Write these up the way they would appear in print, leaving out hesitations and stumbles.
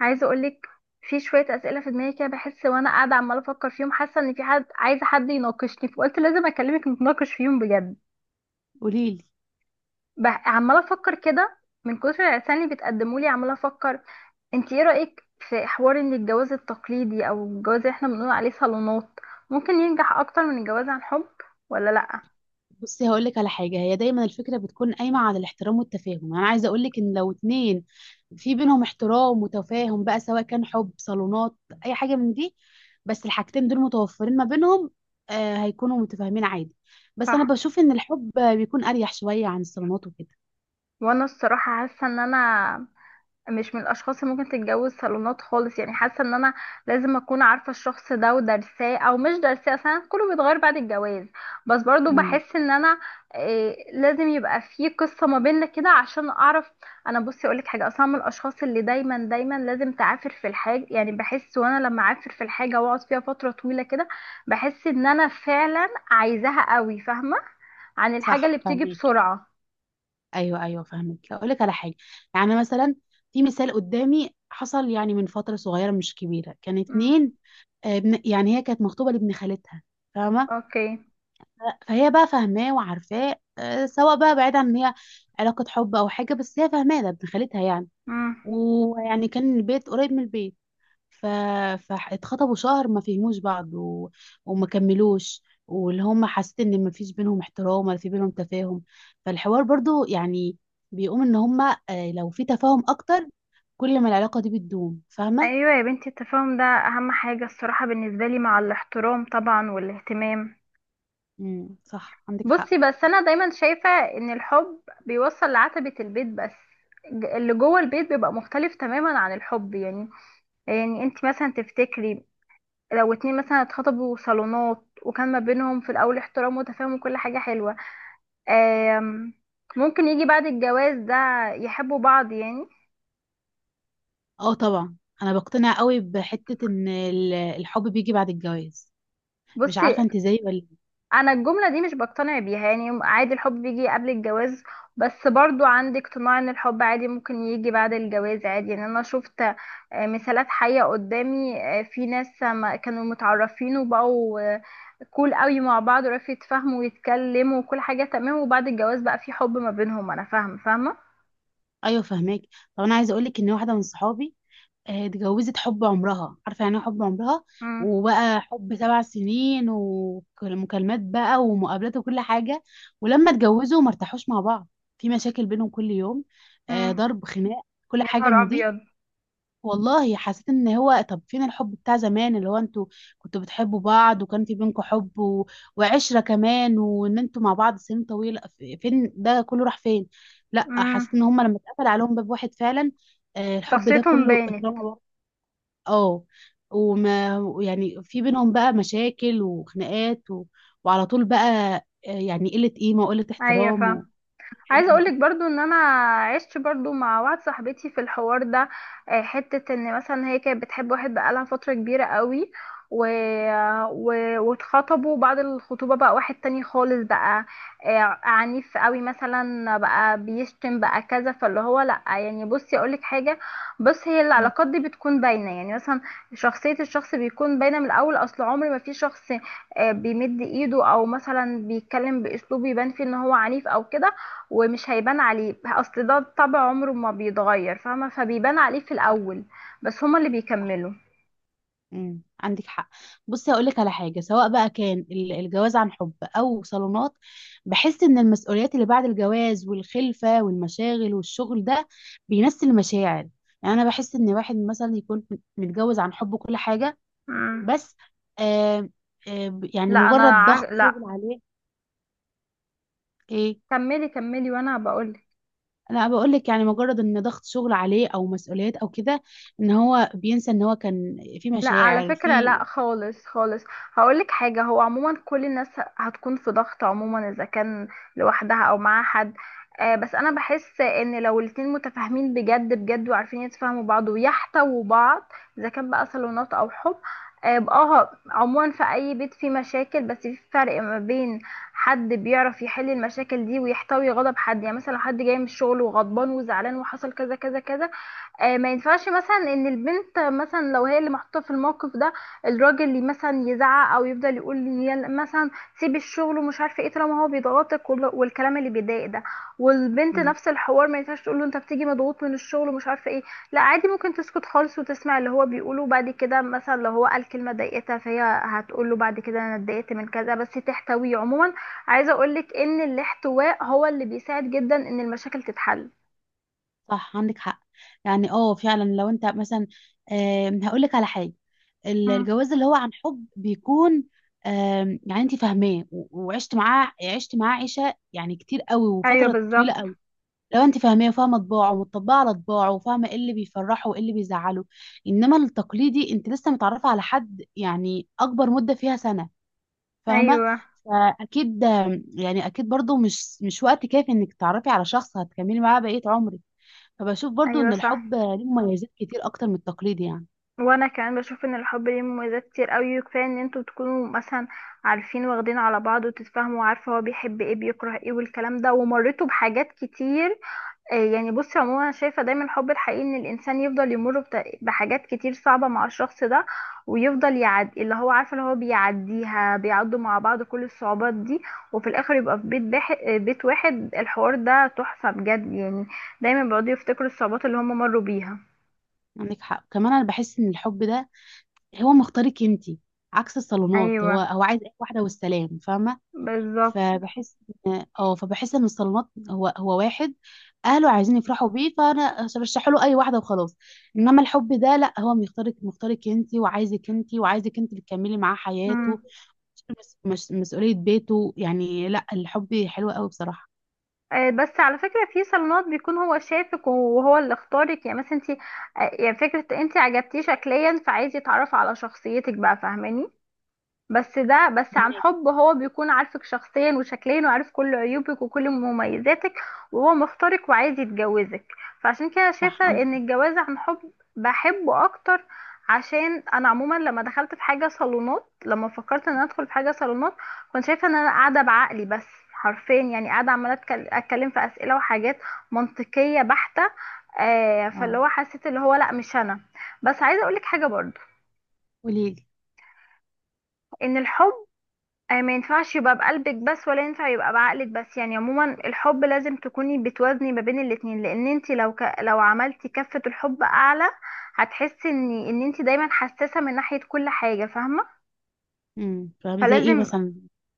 عايزه اقولك في شويه اسئله في دماغي كده، بحس وانا قاعده عماله افكر فيهم، حاسه ان في حد عايزه حد يناقشني، فقلت لازم اكلمك نتناقش فيهم بجد. قوليلي. عماله افكر كده، من كتر العرسان اللي بتقدموا لي عماله افكر. انت ايه رايك في حوار ان الجواز التقليدي او الجواز اللي احنا بنقول عليه صالونات ممكن ينجح اكتر من الجواز عن حب ولا لا؟ بصي هقول لك على حاجه، هي دايما الفكره بتكون قايمه على الاحترام والتفاهم. يعني انا عايزه اقول لك ان لو اتنين في بينهم احترام وتفاهم، بقى سواء كان حب، صالونات، اي حاجه من دي، بس الحاجتين دول متوفرين ما بينهم، هيكونوا متفاهمين عادي. بس انا صح. بشوف ان الحب بيكون اريح شويه عن الصالونات وكده. وانا الصراحه حاسه ان انا مش من الاشخاص اللي ممكن تتجوز صالونات خالص، يعني حاسه ان انا لازم اكون عارفه الشخص ده ودارساه او مش دارساه، اصلا كله بيتغير بعد الجواز، بس برضو امم بحس ان انا إيه لازم يبقى في قصه ما بيننا كده عشان اعرف. انا بصي اقولك حاجه، اصلا من الاشخاص اللي دايما دايما لازم تعافر في الحاجه، يعني بحس وانا لما اعافر في الحاجه واقعد فيها فتره طويله كده بحس ان انا فعلا عايزاها قوي، فاهمه؟ عن الحاجه اللي صح، بتيجي فاهمك. بسرعه. ايوه، ايوه، فاهمك. اقول لك على حاجه، يعني مثلا في مثال قدامي حصل، يعني من فتره صغيره مش كبيره، كان امم. اتنين. يعني هي كانت مخطوبة لابن خالتها، فاهمة؟ اوكي. فهي بقى فاهماه وعارفاه، سواء بقى بعيد عن إن هي علاقة حب أو حاجة، بس هي فاهماه ده ابن خالتها يعني. امم. ويعني كان البيت قريب من البيت. ف... فاتخطبوا شهر ما فهموش بعض وما كملوش. واللي هم، حسيت ان ما فيش بينهم احترام ولا في بينهم تفاهم. فالحوار برضو، يعني بيقوم ان هم، لو في تفاهم اكتر، كل ما العلاقة دي بتدوم. فاهمة؟ ايوه يا بنتي، التفاهم ده اهم حاجه الصراحه بالنسبه لي، مع الاحترام طبعا والاهتمام. صح، عندك حق. بصي، بس انا دايما شايفه ان الحب بيوصل لعتبه البيت بس، اللي جوه البيت بيبقى مختلف تماما عن الحب، يعني. يعني انت مثلا تفتكري لو اتنين مثلا اتخطبوا صالونات وكان ما بينهم في الاول احترام وتفاهم وكل حاجه حلوه، آم، ممكن يجي بعد الجواز ده يحبوا بعض يعني؟ اه، طبعا. انا بقتنع قوي بحته ان الحب بيجي بعد الجواز. مش بصي، عارفه انت زيي ولا لأ. انا الجمله دي مش بقتنع بيها، يعني عادي الحب بيجي قبل الجواز، بس برضو عندي اقتناع ان الحب عادي ممكن يجي بعد الجواز عادي. يعني انا شفت مثالات حية قدامي، في ناس ما كانوا متعرفين وبقوا كول قوي مع بعض، وعرفوا يتفاهموا ويتكلموا وكل حاجة تمام، وبعد الجواز بقى في حب ما بينهم. انا فاهمة فاهمة. ايوه، فهماك. طب انا عايزه اقول لك ان واحده من صحابي اتجوزت حب عمرها. عارفه يعني ايه حب عمرها؟ امم. وبقى حب 7 سنين، ومكالمات بقى ومقابلات وكل حاجه. ولما اتجوزوا ما ارتاحوش مع بعض. في مشاكل بينهم كل يوم، امم. ضرب، خناق، كل يا حاجه نهار من دي. ابيض. والله حسيت ان هو، طب فين الحب بتاع زمان، اللي هو انتوا كنتوا بتحبوا بعض وكان في بينكم حب، وعشرة كمان، وان انتوا مع بعض سنين طويلة، فين ده كله؟ راح فين؟ لا، امم. حسيت ان هم لما اتقفل عليهم باب واحد فعلا، الحب ده شخصيتهم كله باينة. اترمى بره. اه. وما يعني في بينهم بقى مشاكل وخناقات، وعلى طول بقى، يعني قلة قيمة وقلة ايوه احترام فاهمة. وكل حاجة عايزه من اقولك دي. برضو ان انا عشت برضو مع واحده صاحبتي في الحوار ده، حته ان مثلا هي كانت بتحب واحد بقالها فتره كبيره قوي، و... و... واتخطبوا. بعد الخطوبه بقى واحد تاني خالص، بقى عنيف قوي مثلا، بقى بيشتم بقى كذا، فاللي هو لا يعني بصي اقولك حاجه. بص، هي مم. العلاقات دي بتكون باينه، يعني مثلا شخصيه الشخص بيكون باينه من الاول، اصل عمر ما في شخص بيمد ايده او مثلا بيتكلم باسلوب يبان فيه ان هو عنيف او كده ومش هيبان عليه، اصل ده طبع عمره ما بيتغير، فاهمه؟ فبيبان عليه في صح. الاول بس هما اللي صح. بيكملوا. عندك حق. بصي هقول لك على حاجه، سواء بقى كان الجواز عن حب او صالونات، بحس ان المسؤوليات اللي بعد الجواز والخلفه والمشاغل والشغل ده بينسي المشاعر. يعني انا بحس ان واحد مثلا يكون متجوز عن حب وكل حاجه، مم. بس آه يعني لا انا مجرد ع... ضغط شغل لا، عليه. ايه؟ كملي كملي وانا بقول. انا بقول لك يعني مجرد ان ضغط شغل عليه او مسؤوليات او كده، ان هو بينسى ان هو كان في لا على مشاعر فكرة في. لا، خالص خالص. هقولك حاجة، هو عموما كل الناس هتكون في ضغط عموما، إذا كان لوحدها أو مع حد، آه بس أنا بحس إن لو الاتنين متفاهمين بجد بجد وعارفين يتفاهموا بعض ويحتووا بعض، إذا كان بقى صالونات أو حب، آه يبقى اه. عموما في أي بيت فيه مشاكل، بس في فرق ما بين حد بيعرف يحل المشاكل دي ويحتوي غضب حد. يعني مثلا لو حد جاي من الشغل وغضبان وزعلان وحصل كذا كذا كذا، ما ينفعش مثلا ان البنت مثلا، لو هي اللي محطوطه في الموقف ده الراجل اللي مثلا يزعق، او يفضل يقول لي يلا مثلا سيب الشغل ومش عارفه ايه، طالما هو بيضغطك وال- والكلام اللي بيضايق ده. والبنت نفس الحوار، ما ينفعش تقول له انت بتيجي مضغوط من الشغل ومش عارفه ايه، لا عادي ممكن تسكت خالص وتسمع اللي هو بيقوله، بعد كده مثلا لو هو قال كلمه ضايقتها فهي هتقول له بعد كده انا اتضايقت من كذا، بس تحتويه عموما. عايزه اقولك ان الاحتواء هو اللي بيساعد جدا ان المشاكل تتحل. صح، عندك حق. يعني اه فعلا. لو انت مثلا، هقولك على حاجه، مم. الجواز اللي هو عن حب بيكون، يعني انت فاهماه وعشت معاه عشت معاه عيشه، يعني كتير قوي ايوه وفتره طويله بالظبط. قوي. لو انت فاهماه وفاهمه طباعه ومطبقه على طباعه وفاهمه ايه اللي بيفرحه وايه اللي بيزعله. انما التقليدي، انت لسه متعرفه على حد، يعني اكبر مده فيها سنه، فاهمه؟ ايوه فاكيد، يعني اكيد برضو مش وقت كافي انك تعرفي على شخص هتكملي معاه بقيه عمرك. فبشوف برضو ايوه ان صح. الحب ليه مميزات كتير اكتر من التقليد يعني. وانا كمان بشوف ان الحب ليه مميزات كتير قوي، كفايه ان انتوا تكونوا مثلا عارفين واخدين على بعض وتتفاهموا وعارفه هو بيحب ايه بيكره ايه والكلام ده، ومريتوا بحاجات كتير. يعني بصي عموما انا شايفه دايما الحب الحقيقي ان الانسان يفضل يمر بحاجات كتير صعبه مع الشخص ده، ويفضل يعدي اللي هو عارفه اللي هو بيعديها، بيعدوا مع بعض كل الصعوبات دي، وفي الاخر يبقى في بيت واحد، الحوار ده تحفه بجد يعني. دايما بيقعدوا يفتكروا الصعوبات اللي هم مروا بيها. عندك حق. كمان انا بحس ان الحب ده هو مختارك انتي، عكس الصالونات، هو ايوه هو عايز اي واحده والسلام، فاهمه؟ بالظبط. فبحس اه فبحس ان الصالونات هو واحد اهله عايزين يفرحوا بيه، فانا برشح له اي واحده وخلاص. انما الحب ده لا، هو مختارك، مختارك انتي وعايزك انتي وعايزك انتي اللي تكملي معاه مم. حياته، مسؤوليه بيته. يعني لا، الحب حلو قوي بصراحه. بس على فكرة في صالونات بيكون هو شافك وهو اللي اختارك، يعني مثلا انت، يعني فكرة انت عجبتيه شكليا فعايز يتعرف على شخصيتك بقى، فاهماني؟ بس ده بس. عن فهمك. حب هو بيكون عارفك شخصيا وشكليا وعارف كل عيوبك وكل مميزاتك وهو مختارك وعايز يتجوزك، فعشان كده صح، شايفة عندك ان حق. الجواز عن حب بحبه اكتر. عشان انا عموما لما دخلت في حاجة صالونات لما فكرت ان انا ادخل في حاجة صالونات كنت شايفة ان انا قاعدة بعقلي بس حرفيا، يعني قاعدة عمالة اتكلم في اسئلة وحاجات منطقية بحتة. فاللي اه. هو حسيت اللي هو لا مش انا. بس عايزة اقولك حاجة برضو قوليلي. ان الحب ما ينفعش يبقى بقلبك بس ولا ينفع يبقى بعقلك بس، يعني عموما الحب لازم تكوني بتوازني ما بين الاتنين، لان انت لو لو عملتي كفة الحب اعلى هتحسي ان انت دايما حساسة من ناحية كل حاجة، فاهمة؟ فاهمة، زي ايه فلازم مثلا؟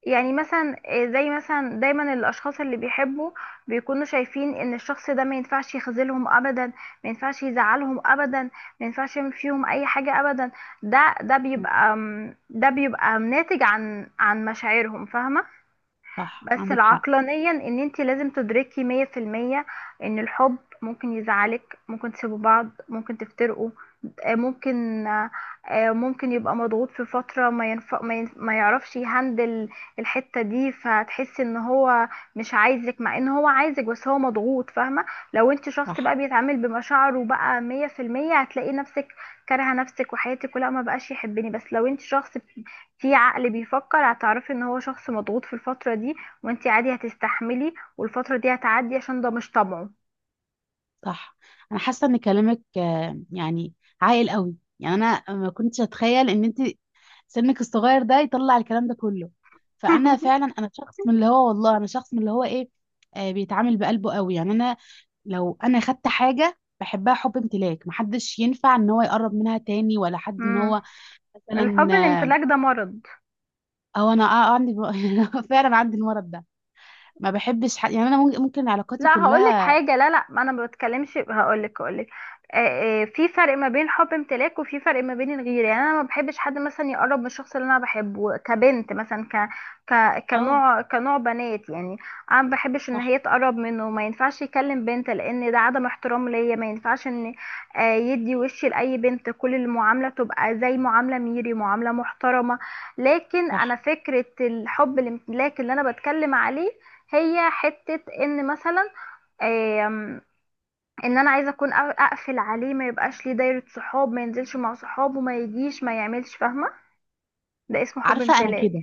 يعني مثلا زي مثلا دايما الاشخاص اللي بيحبوا بيكونوا شايفين ان الشخص ده ما ينفعش يخذلهم ابدا، ما ينفعش يزعلهم ابدا، ما ينفعش يعمل فيهم اي حاجة ابدا. ده ده مم. بيبقى ده بيبقى ناتج عن مشاعرهم، فاهمة؟ صح، بس عندك حق. العقلانيا ان انت لازم تدركي 100% ان الحب ممكن يزعلك ممكن تسيبوا بعض ممكن تفترقوا، آه، ممكن آه، آه، ممكن يبقى مضغوط في فترة ما ينف... ما, ين... ما يعرفش يهندل الحتة دي، فتحس ان هو مش عايزك مع ان هو عايزك بس هو مضغوط، فاهمة؟ لو انت شخص صح. بقى بيتعامل بمشاعره بقى 100% هتلاقي نفسك كارهة نفسك وحياتك، ولا ما بقاش يحبني. بس لو انت شخص في عقل بيفكر هتعرفي ان هو شخص مضغوط في الفترة دي، وانتي عادي هتستحملي والفترة دي هتعدي عشان ده مش طبعه. صح. انا حاسه ان كلامك يعني عاقل قوي. يعني انا ما كنتش اتخيل ان انت سنك الصغير ده يطلع الكلام ده كله. فانا فعلا انا شخص من اللي هو، والله انا شخص من اللي هو، ايه، بيتعامل بقلبه قوي. يعني انا لو انا خدت حاجه بحبها حب امتلاك، محدش ينفع ان هو يقرب منها تاني، ولا حد ان امم. هو مثلا، الحب الامتلاك ده مرض. او انا عندي. فعلا عندي المرض ده. ما بحبش حد. يعني انا ممكن علاقاتي لا، هقولك كلها. حاجة، لا لا، ما انا ما بتكلمش، هقولك. في فرق ما بين حب امتلاك وفي فرق ما بين الغيرة، يعني انا ما بحبش حد مثلا يقرب من الشخص اللي انا بحبه كبنت مثلا، ك ك اه. كنوع بنات يعني. انا ما بحبش ان صح. هي تقرب منه، ما ينفعش يكلم بنت لان ده عدم احترام ليا، ما ينفعش ان يدي وشي لاي بنت، كل المعاملة تبقى زي معاملة ميري، معاملة محترمة. لكن انا صح. فكرة الحب الامتلاك اللي انا بتكلم عليه هي حتة ان مثلا آم، ان انا عايزه اكون اقفل عليه، ما يبقاش ليه دايره صحاب، ما ينزلش مع صحابه، ما يجيش ما يعملش، فاهمه؟ ده اسمه حب عارفه انا امتلاك. كده،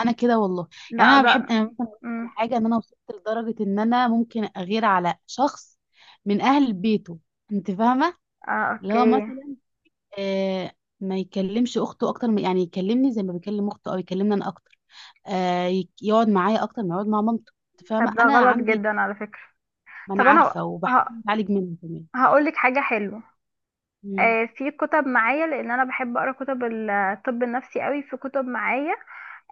انا كده والله. يعني لا ده. انا ممكن أقول لك على مم. حاجه، ان انا وصلت لدرجه ان انا ممكن اغير على شخص من اهل بيته. انت فاهمه؟ آه اللي هو اوكي. مثلا آه ما يكلمش اخته اكتر، من يعني يكلمني زي ما بيكلم اخته، او يكلمني انا اكتر، يقعد معايا اكتر ما يقعد مع مامته. انت طب فاهمه، ده انا غلط عندي كده. جدا على فكره. ما انا طب انا عارفه، وبحاول اتعالج منه كمان. هقول لك حاجه حلوه. مم. آه في كتب معايا لان انا بحب اقرا كتب الطب النفسي قوي، في كتب معايا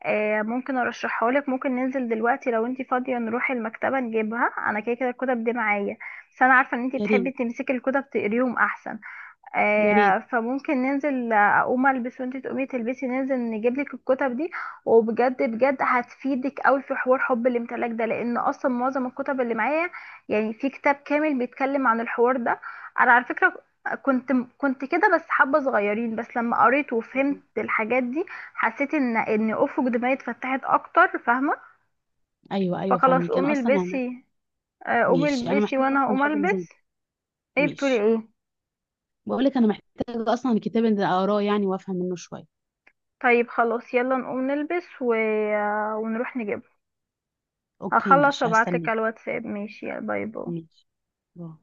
آه ممكن ارشحها لك، ممكن ننزل دلوقتي لو انت فاضيه نروح المكتبه نجيبها، انا كده كده الكتب دي معايا، بس انا عارفه ان انت يا بتحبي ريت. تمسكي الكتب تقريهم احسن. يا ريت. فممكن ننزل، اقوم البس وانتي تقومي تلبسي ننزل نجيب لك الكتب دي، وبجد بجد هتفيدك قوي في حوار حب الامتلاك ده، لان اصلا معظم الكتب اللي معايا يعني في كتاب كامل بيتكلم عن الحوار ده. انا على فكرة كنت كنت كده بس حبة صغيرين، بس لما قريت وفهمت مم. الحاجات دي حسيت ان افق دماغي اتفتحت اكتر، فاهمة؟ ايوه، ايوه، فخلاص فاهمك. انا قومي اصلا يعني البسي، قومي ماشي. انا البسي محتاجه وانا اصلا هقوم حاجه اللي زي البس. دي. ايه بتقولي ماشي. ايه؟ بقول لك انا محتاجه اصلا الكتاب اللي اقراه يعني، وافهم منه شويه. طيب خلاص يلا نقوم نلبس ونروح نجيبه. اوكي، هخلص ماشي، وابعتلك هستناك. على الواتساب ماشي، يلا باي باي. ماشي، باي.